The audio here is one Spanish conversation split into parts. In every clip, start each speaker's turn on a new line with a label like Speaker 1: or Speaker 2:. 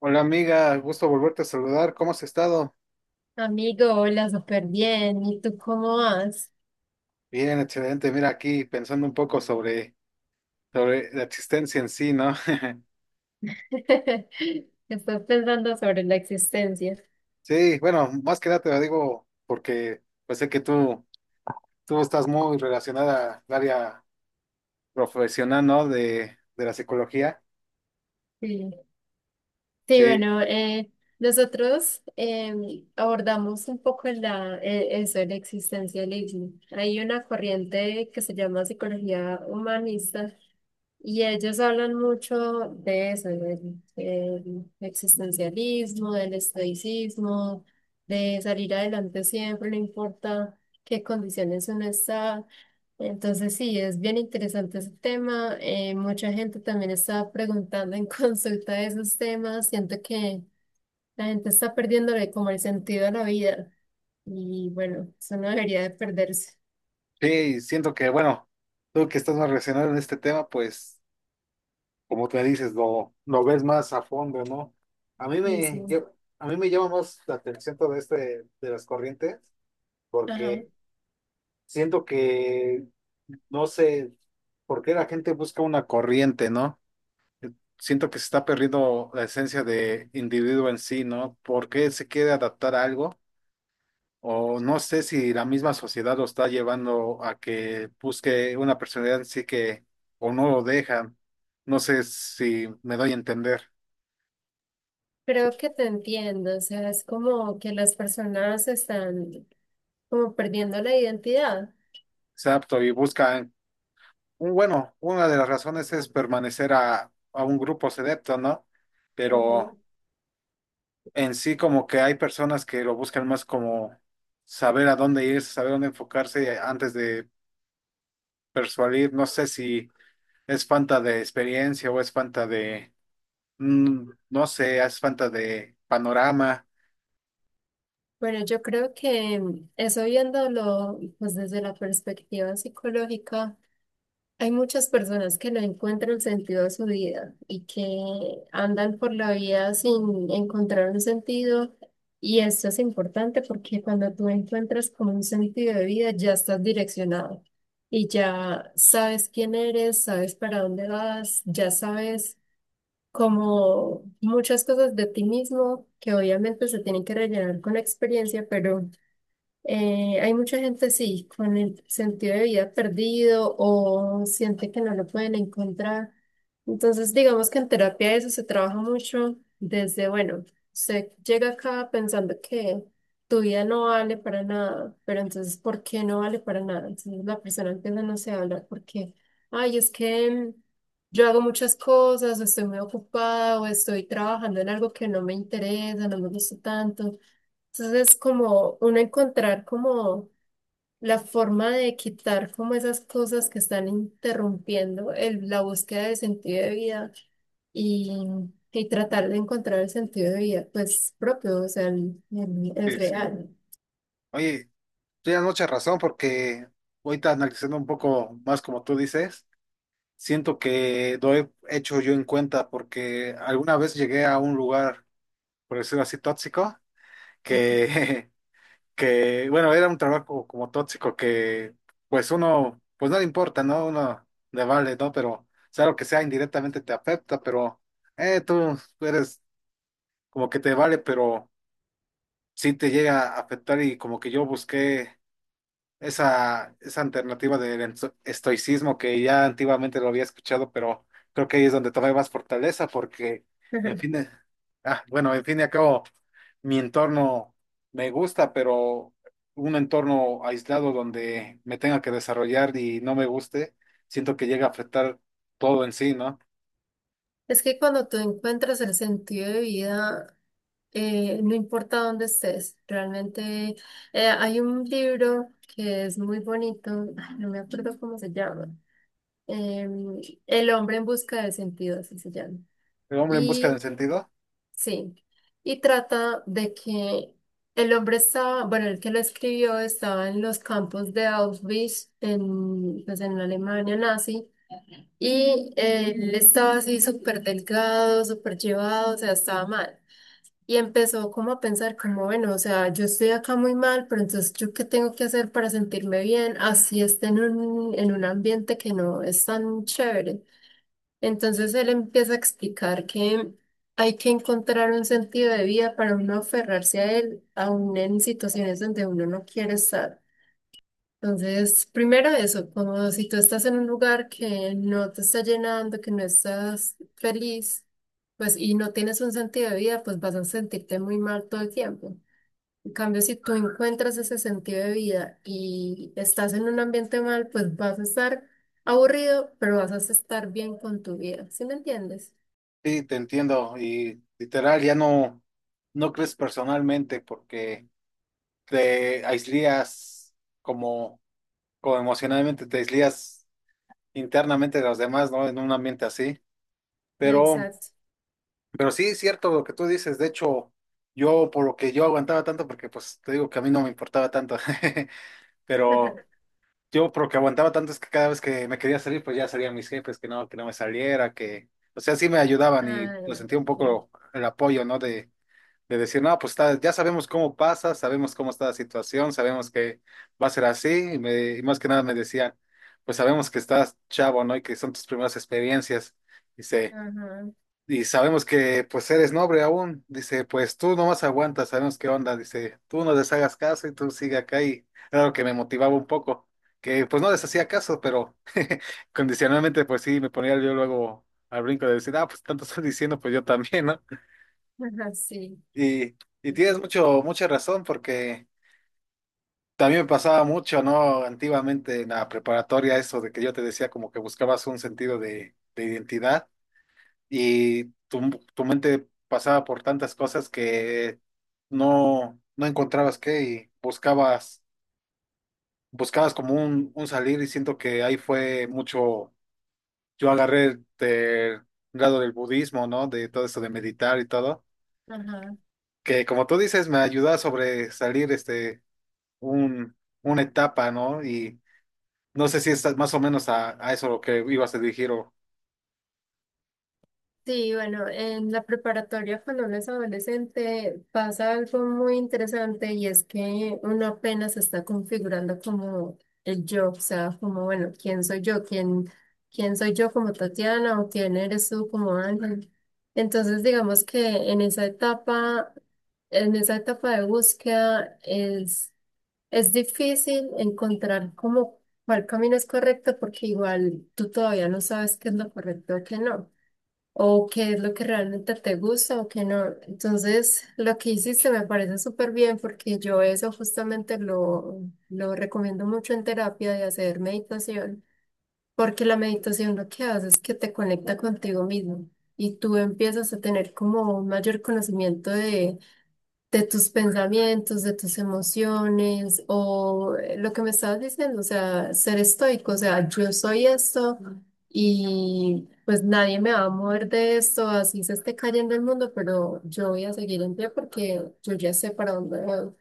Speaker 1: Hola amiga, gusto volverte a saludar. ¿Cómo has estado?
Speaker 2: Amigo, hola, súper bien. ¿Y tú cómo vas?
Speaker 1: Bien, excelente. Mira, aquí pensando un poco sobre la existencia en sí, ¿no?
Speaker 2: Estás pensando sobre la existencia.
Speaker 1: Sí, bueno, más que nada te lo digo porque pues sé que tú estás muy relacionada al área profesional, ¿no? De la psicología.
Speaker 2: Sí, sí,
Speaker 1: Sí,
Speaker 2: bueno, nosotros abordamos un poco la, eso, el existencialismo. Hay una corriente que se llama psicología humanista. Y ellos hablan mucho de eso, del existencialismo, del estoicismo, de salir adelante siempre, no importa qué condiciones uno está. Entonces sí, es bien interesante ese tema. Mucha gente también está preguntando en consulta de esos temas. Siento que la gente está perdiéndole como el sentido a la vida. Y bueno, eso no debería de perderse.
Speaker 1: sí, y siento que, bueno, tú que estás más relacionado en este tema, pues como te dices, lo ves más a fondo, ¿no? A mí
Speaker 2: Sí, sí.
Speaker 1: me, lle- a mí me llama más la atención todo este de las corrientes
Speaker 2: Ajá.
Speaker 1: porque siento que no sé por qué la gente busca una corriente, ¿no? Siento que se está perdiendo la esencia de individuo en sí, ¿no? ¿Por qué se quiere adaptar a algo? O no sé si la misma sociedad lo está llevando a que busque una personalidad en sí que o no lo dejan. No sé si me doy a entender.
Speaker 2: Creo que te entiendo, o sea, es como que las personas están como perdiendo la identidad.
Speaker 1: Exacto, y buscan, bueno, una de las razones es permanecer a un grupo selecto, ¿no?
Speaker 2: Ujú.
Speaker 1: Pero en sí como que hay personas que lo buscan más como saber a dónde ir, saber dónde enfocarse antes de persuadir. No sé si es falta de experiencia o es falta de, no sé, es falta de panorama.
Speaker 2: Bueno, yo creo que eso viéndolo pues desde la perspectiva psicológica. Hay muchas personas que no encuentran sentido a su vida y que andan por la vida sin encontrar un sentido. Y esto es importante porque cuando tú encuentras como un sentido de vida, ya estás direccionado y ya sabes quién eres, sabes para dónde vas, ya sabes como muchas cosas de ti mismo que obviamente se tienen que rellenar con la experiencia, pero... Hay mucha gente, sí, con el sentido de vida perdido o siente que no lo pueden encontrar. Entonces, digamos que en terapia eso se trabaja mucho desde, bueno, usted llega acá pensando que tu vida no vale para nada, pero entonces, ¿por qué no vale para nada? Entonces la persona empieza, no sé, a hablar porque, ay, es que yo hago muchas cosas, o estoy muy ocupada, o estoy trabajando en algo que no me interesa, no me gusta tanto. Entonces es como uno encontrar como la forma de quitar como esas cosas que están interrumpiendo la búsqueda de sentido de vida y, y tratar de encontrar el sentido de vida pues propio, o sea, el, el
Speaker 1: Sí, sí.
Speaker 2: real.
Speaker 1: Oye, tienes mucha razón porque ahorita analizando un poco más como tú dices, siento que lo he hecho yo en cuenta porque alguna vez llegué a un lugar, por decirlo así, tóxico, que que, bueno, era un trabajo como tóxico que, pues uno, pues no le importa, ¿no? Uno le vale, ¿no? Pero, sea lo que sea, indirectamente te afecta, pero, tú eres como que te vale, pero sí te llega a afectar y como que yo busqué esa alternativa del estoicismo que ya antiguamente lo había escuchado, pero creo que ahí es donde tomé más fortaleza porque, en
Speaker 2: Ujú.
Speaker 1: fin, de- ah, bueno, en fin y al cabo, mi entorno me gusta, pero un entorno aislado donde me tenga que desarrollar y no me guste, siento que llega a afectar todo en sí, ¿no?
Speaker 2: Es que cuando tú encuentras el sentido de vida, no importa dónde estés, realmente hay un libro que es muy bonito, ay, no me acuerdo cómo se llama. Em, El hombre en busca de sentido, así se llama.
Speaker 1: El hombre en busca del
Speaker 2: Y
Speaker 1: sentido.
Speaker 2: sí, y trata de que el hombre estaba, bueno, el que lo escribió estaba en los campos de Auschwitz, en, pues en la Alemania nazi, y él estaba así súper delgado, súper llevado, o sea, estaba mal. Y empezó como a pensar como, bueno, o sea, yo estoy acá muy mal, pero entonces ¿yo qué tengo que hacer para sentirme bien? Así esté en un ambiente que no es tan chévere. Entonces él empieza a explicar que hay que encontrar un sentido de vida para uno aferrarse a él, aún en situaciones donde uno no quiere estar. Entonces, primero eso, como si tú estás en un lugar que no te está llenando, que no estás feliz, pues y no tienes un sentido de vida, pues vas a sentirte muy mal todo el tiempo. En cambio, si tú encuentras ese sentido de vida y estás en un ambiente mal, pues vas a estar aburrido, pero vas a estar bien con tu vida. ¿Sí me entiendes?
Speaker 1: Sí, te entiendo y literal ya no crees personalmente porque te aislías como o emocionalmente te aíslas internamente de los demás, ¿no? En un ambiente así. Pero,
Speaker 2: Exacto.
Speaker 1: pero sí es cierto lo que tú dices. De hecho, yo por lo que yo aguantaba tanto, porque pues te digo que a mí no me importaba tanto, pero yo por lo que aguantaba tanto es que cada vez que me quería salir, pues ya salían mis jefes, que no me saliera, que, o sea, sí me ayudaban y pues
Speaker 2: Ay,
Speaker 1: sentía un
Speaker 2: sí.
Speaker 1: poco el apoyo, ¿no? De decir, no, pues ya sabemos cómo pasa, sabemos cómo está la situación, sabemos que va a ser así, y más que nada me decían, pues sabemos que estás chavo, ¿no? Y que son tus primeras experiencias, dice,
Speaker 2: Ajá,
Speaker 1: y sabemos que pues eres noble aún, dice, pues tú nomás aguantas, sabemos qué onda, dice, tú no les hagas caso y tú sigue acá, y era lo que me motivaba un poco, que pues no les hacía caso, pero condicionalmente pues sí, me ponía yo luego al brinco de decir, ah, pues tanto están diciendo, pues yo también, ¿no?
Speaker 2: ajá, ajá, sí.
Speaker 1: Y, y tienes mucha razón porque también me pasaba mucho, ¿no? Antiguamente en la preparatoria eso de que yo te decía como que buscabas un sentido de identidad y tu mente pasaba por tantas cosas que no encontrabas qué y buscabas como un salir y siento que ahí fue mucho, yo agarré el grado del budismo, ¿no? De todo eso de meditar y todo,
Speaker 2: Ajá.
Speaker 1: que como tú dices me ayudaba sobre salir este un, una etapa, ¿no? Y no sé si estás más o menos a eso lo que ibas a dirigir o...
Speaker 2: Sí, bueno, en la preparatoria cuando uno es adolescente pasa algo muy interesante y es que uno apenas está configurando como el yo, o sea, como, bueno, ¿quién soy yo? ¿Quién, quién soy yo como Tatiana o quién eres tú como Ángel? Entonces, digamos que en esa etapa de búsqueda es difícil encontrar como cuál camino es correcto porque igual tú todavía no sabes qué es lo correcto o qué no o qué es lo que realmente te gusta o qué no. Entonces, lo que hiciste me parece súper bien porque yo eso justamente lo recomiendo mucho en terapia de hacer meditación, porque la meditación lo que hace es que te conecta contigo mismo y tú empiezas a tener como un mayor conocimiento de tus pensamientos, de tus emociones, o lo que me estabas diciendo, o sea, ser estoico, o sea, yo soy esto y pues nadie me va a mover de esto, así se esté cayendo el mundo, pero yo voy a seguir en pie porque yo ya sé para dónde voy.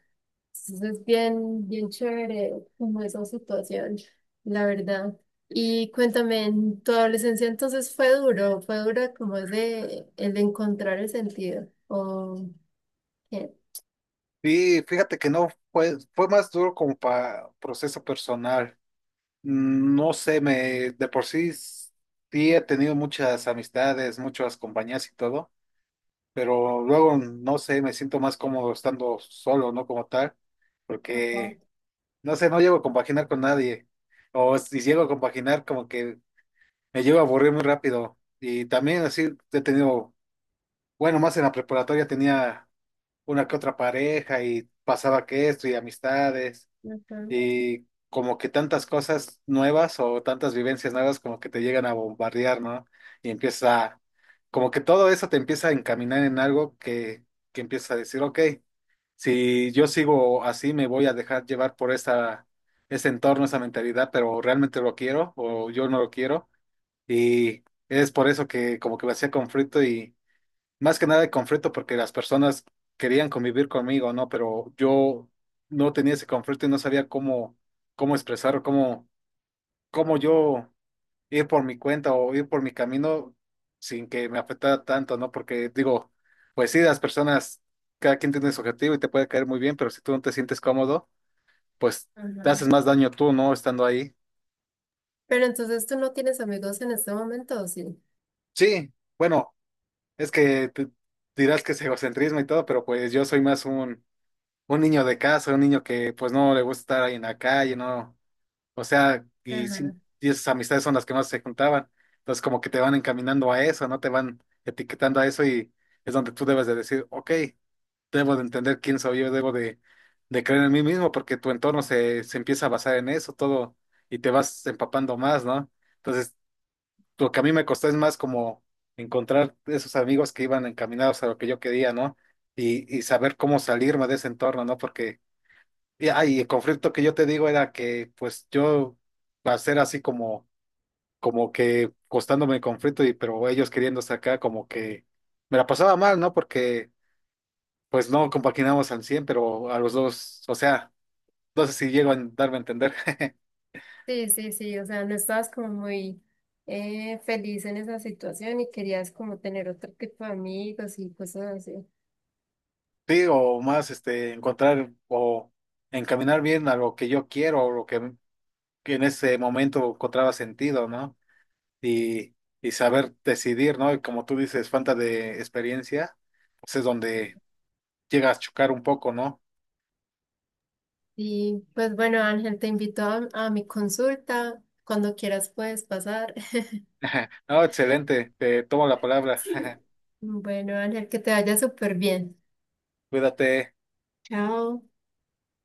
Speaker 2: Entonces es bien, bien chévere como esa situación, la verdad. Y cuéntame, en tu adolescencia entonces fue duro como es de el de encontrar el sentido, ¿o qué?
Speaker 1: Sí, fíjate que no fue, fue más duro como para proceso personal. No sé, me de por sí s- sí he tenido muchas amistades, muchas compañías y todo, pero luego no sé, me siento más cómodo estando solo, ¿no? Como tal, porque no sé, no llego a compaginar con nadie. O si llego a compaginar, como que me llego a aburrir muy rápido. Y también así he tenido, bueno, más en la preparatoria tenía una que otra pareja y pasaba que esto y amistades
Speaker 2: Ujú,
Speaker 1: y como que tantas cosas nuevas o tantas vivencias nuevas como que te llegan a bombardear, ¿no? Y empieza, como que todo eso te empieza a encaminar en algo que empieza a decir, ok, si yo sigo así me voy a dejar llevar por ese entorno, esa mentalidad, pero realmente lo quiero o yo no lo quiero y es por eso que como que me hacía conflicto y más que nada el conflicto porque las personas querían convivir conmigo, ¿no? Pero yo no tenía ese conflicto y no sabía cómo expresar, cómo yo ir por mi cuenta o ir por mi camino sin que me afectara tanto, ¿no? Porque digo, pues sí, las personas, cada quien tiene su objetivo y te puede caer muy bien, pero si tú no te sientes cómodo, pues te
Speaker 2: ajá.
Speaker 1: haces más daño tú, ¿no? Estando ahí.
Speaker 2: Pero entonces tú no tienes amigos en este momento, ¿o sí?
Speaker 1: Sí, bueno, es que te- dirás que es egocentrismo y todo, pero pues yo soy más un niño de casa, un niño que pues no le gusta estar ahí en la calle, ¿no? O sea, y,
Speaker 2: Ajá.
Speaker 1: sin- y esas amistades son las que más se juntaban. Entonces como que te van encaminando a eso, ¿no? Te van etiquetando a eso y es donde tú debes de decir, ok, debo de entender quién soy yo, debo de creer en mí mismo porque tu entorno se empieza a basar en eso todo y te vas empapando más, ¿no? Entonces lo que a mí me costó es más como encontrar esos amigos que iban encaminados a lo que yo quería, ¿no? Y saber cómo salirme de ese entorno, ¿no? Porque y el conflicto que yo te digo era que pues yo va a ser así como, como que costándome el conflicto, y pero ellos queriendo sacar como que me la pasaba mal, ¿no? Porque pues no compaginamos al 100 pero a los dos, o sea, no sé si llego a darme a entender.
Speaker 2: Sí, sí, sí, o sea, no estabas como muy feliz en esa situación y querías como tener otro tipo de amigos y cosas así.
Speaker 1: Sí, o más este encontrar o encaminar bien a lo que yo quiero, o lo que en ese momento encontraba sentido, ¿no? Y, y saber decidir, ¿no? Y como tú dices, falta de experiencia pues es donde llega a chocar un poco, ¿no?
Speaker 2: Y pues bueno, Ángel, te invito a mi consulta. Cuando quieras puedes pasar.
Speaker 1: No, excelente, te tomo la palabra.
Speaker 2: Sí. Bueno, Ángel, que te vaya súper bien.
Speaker 1: Cuídate.
Speaker 2: Chao.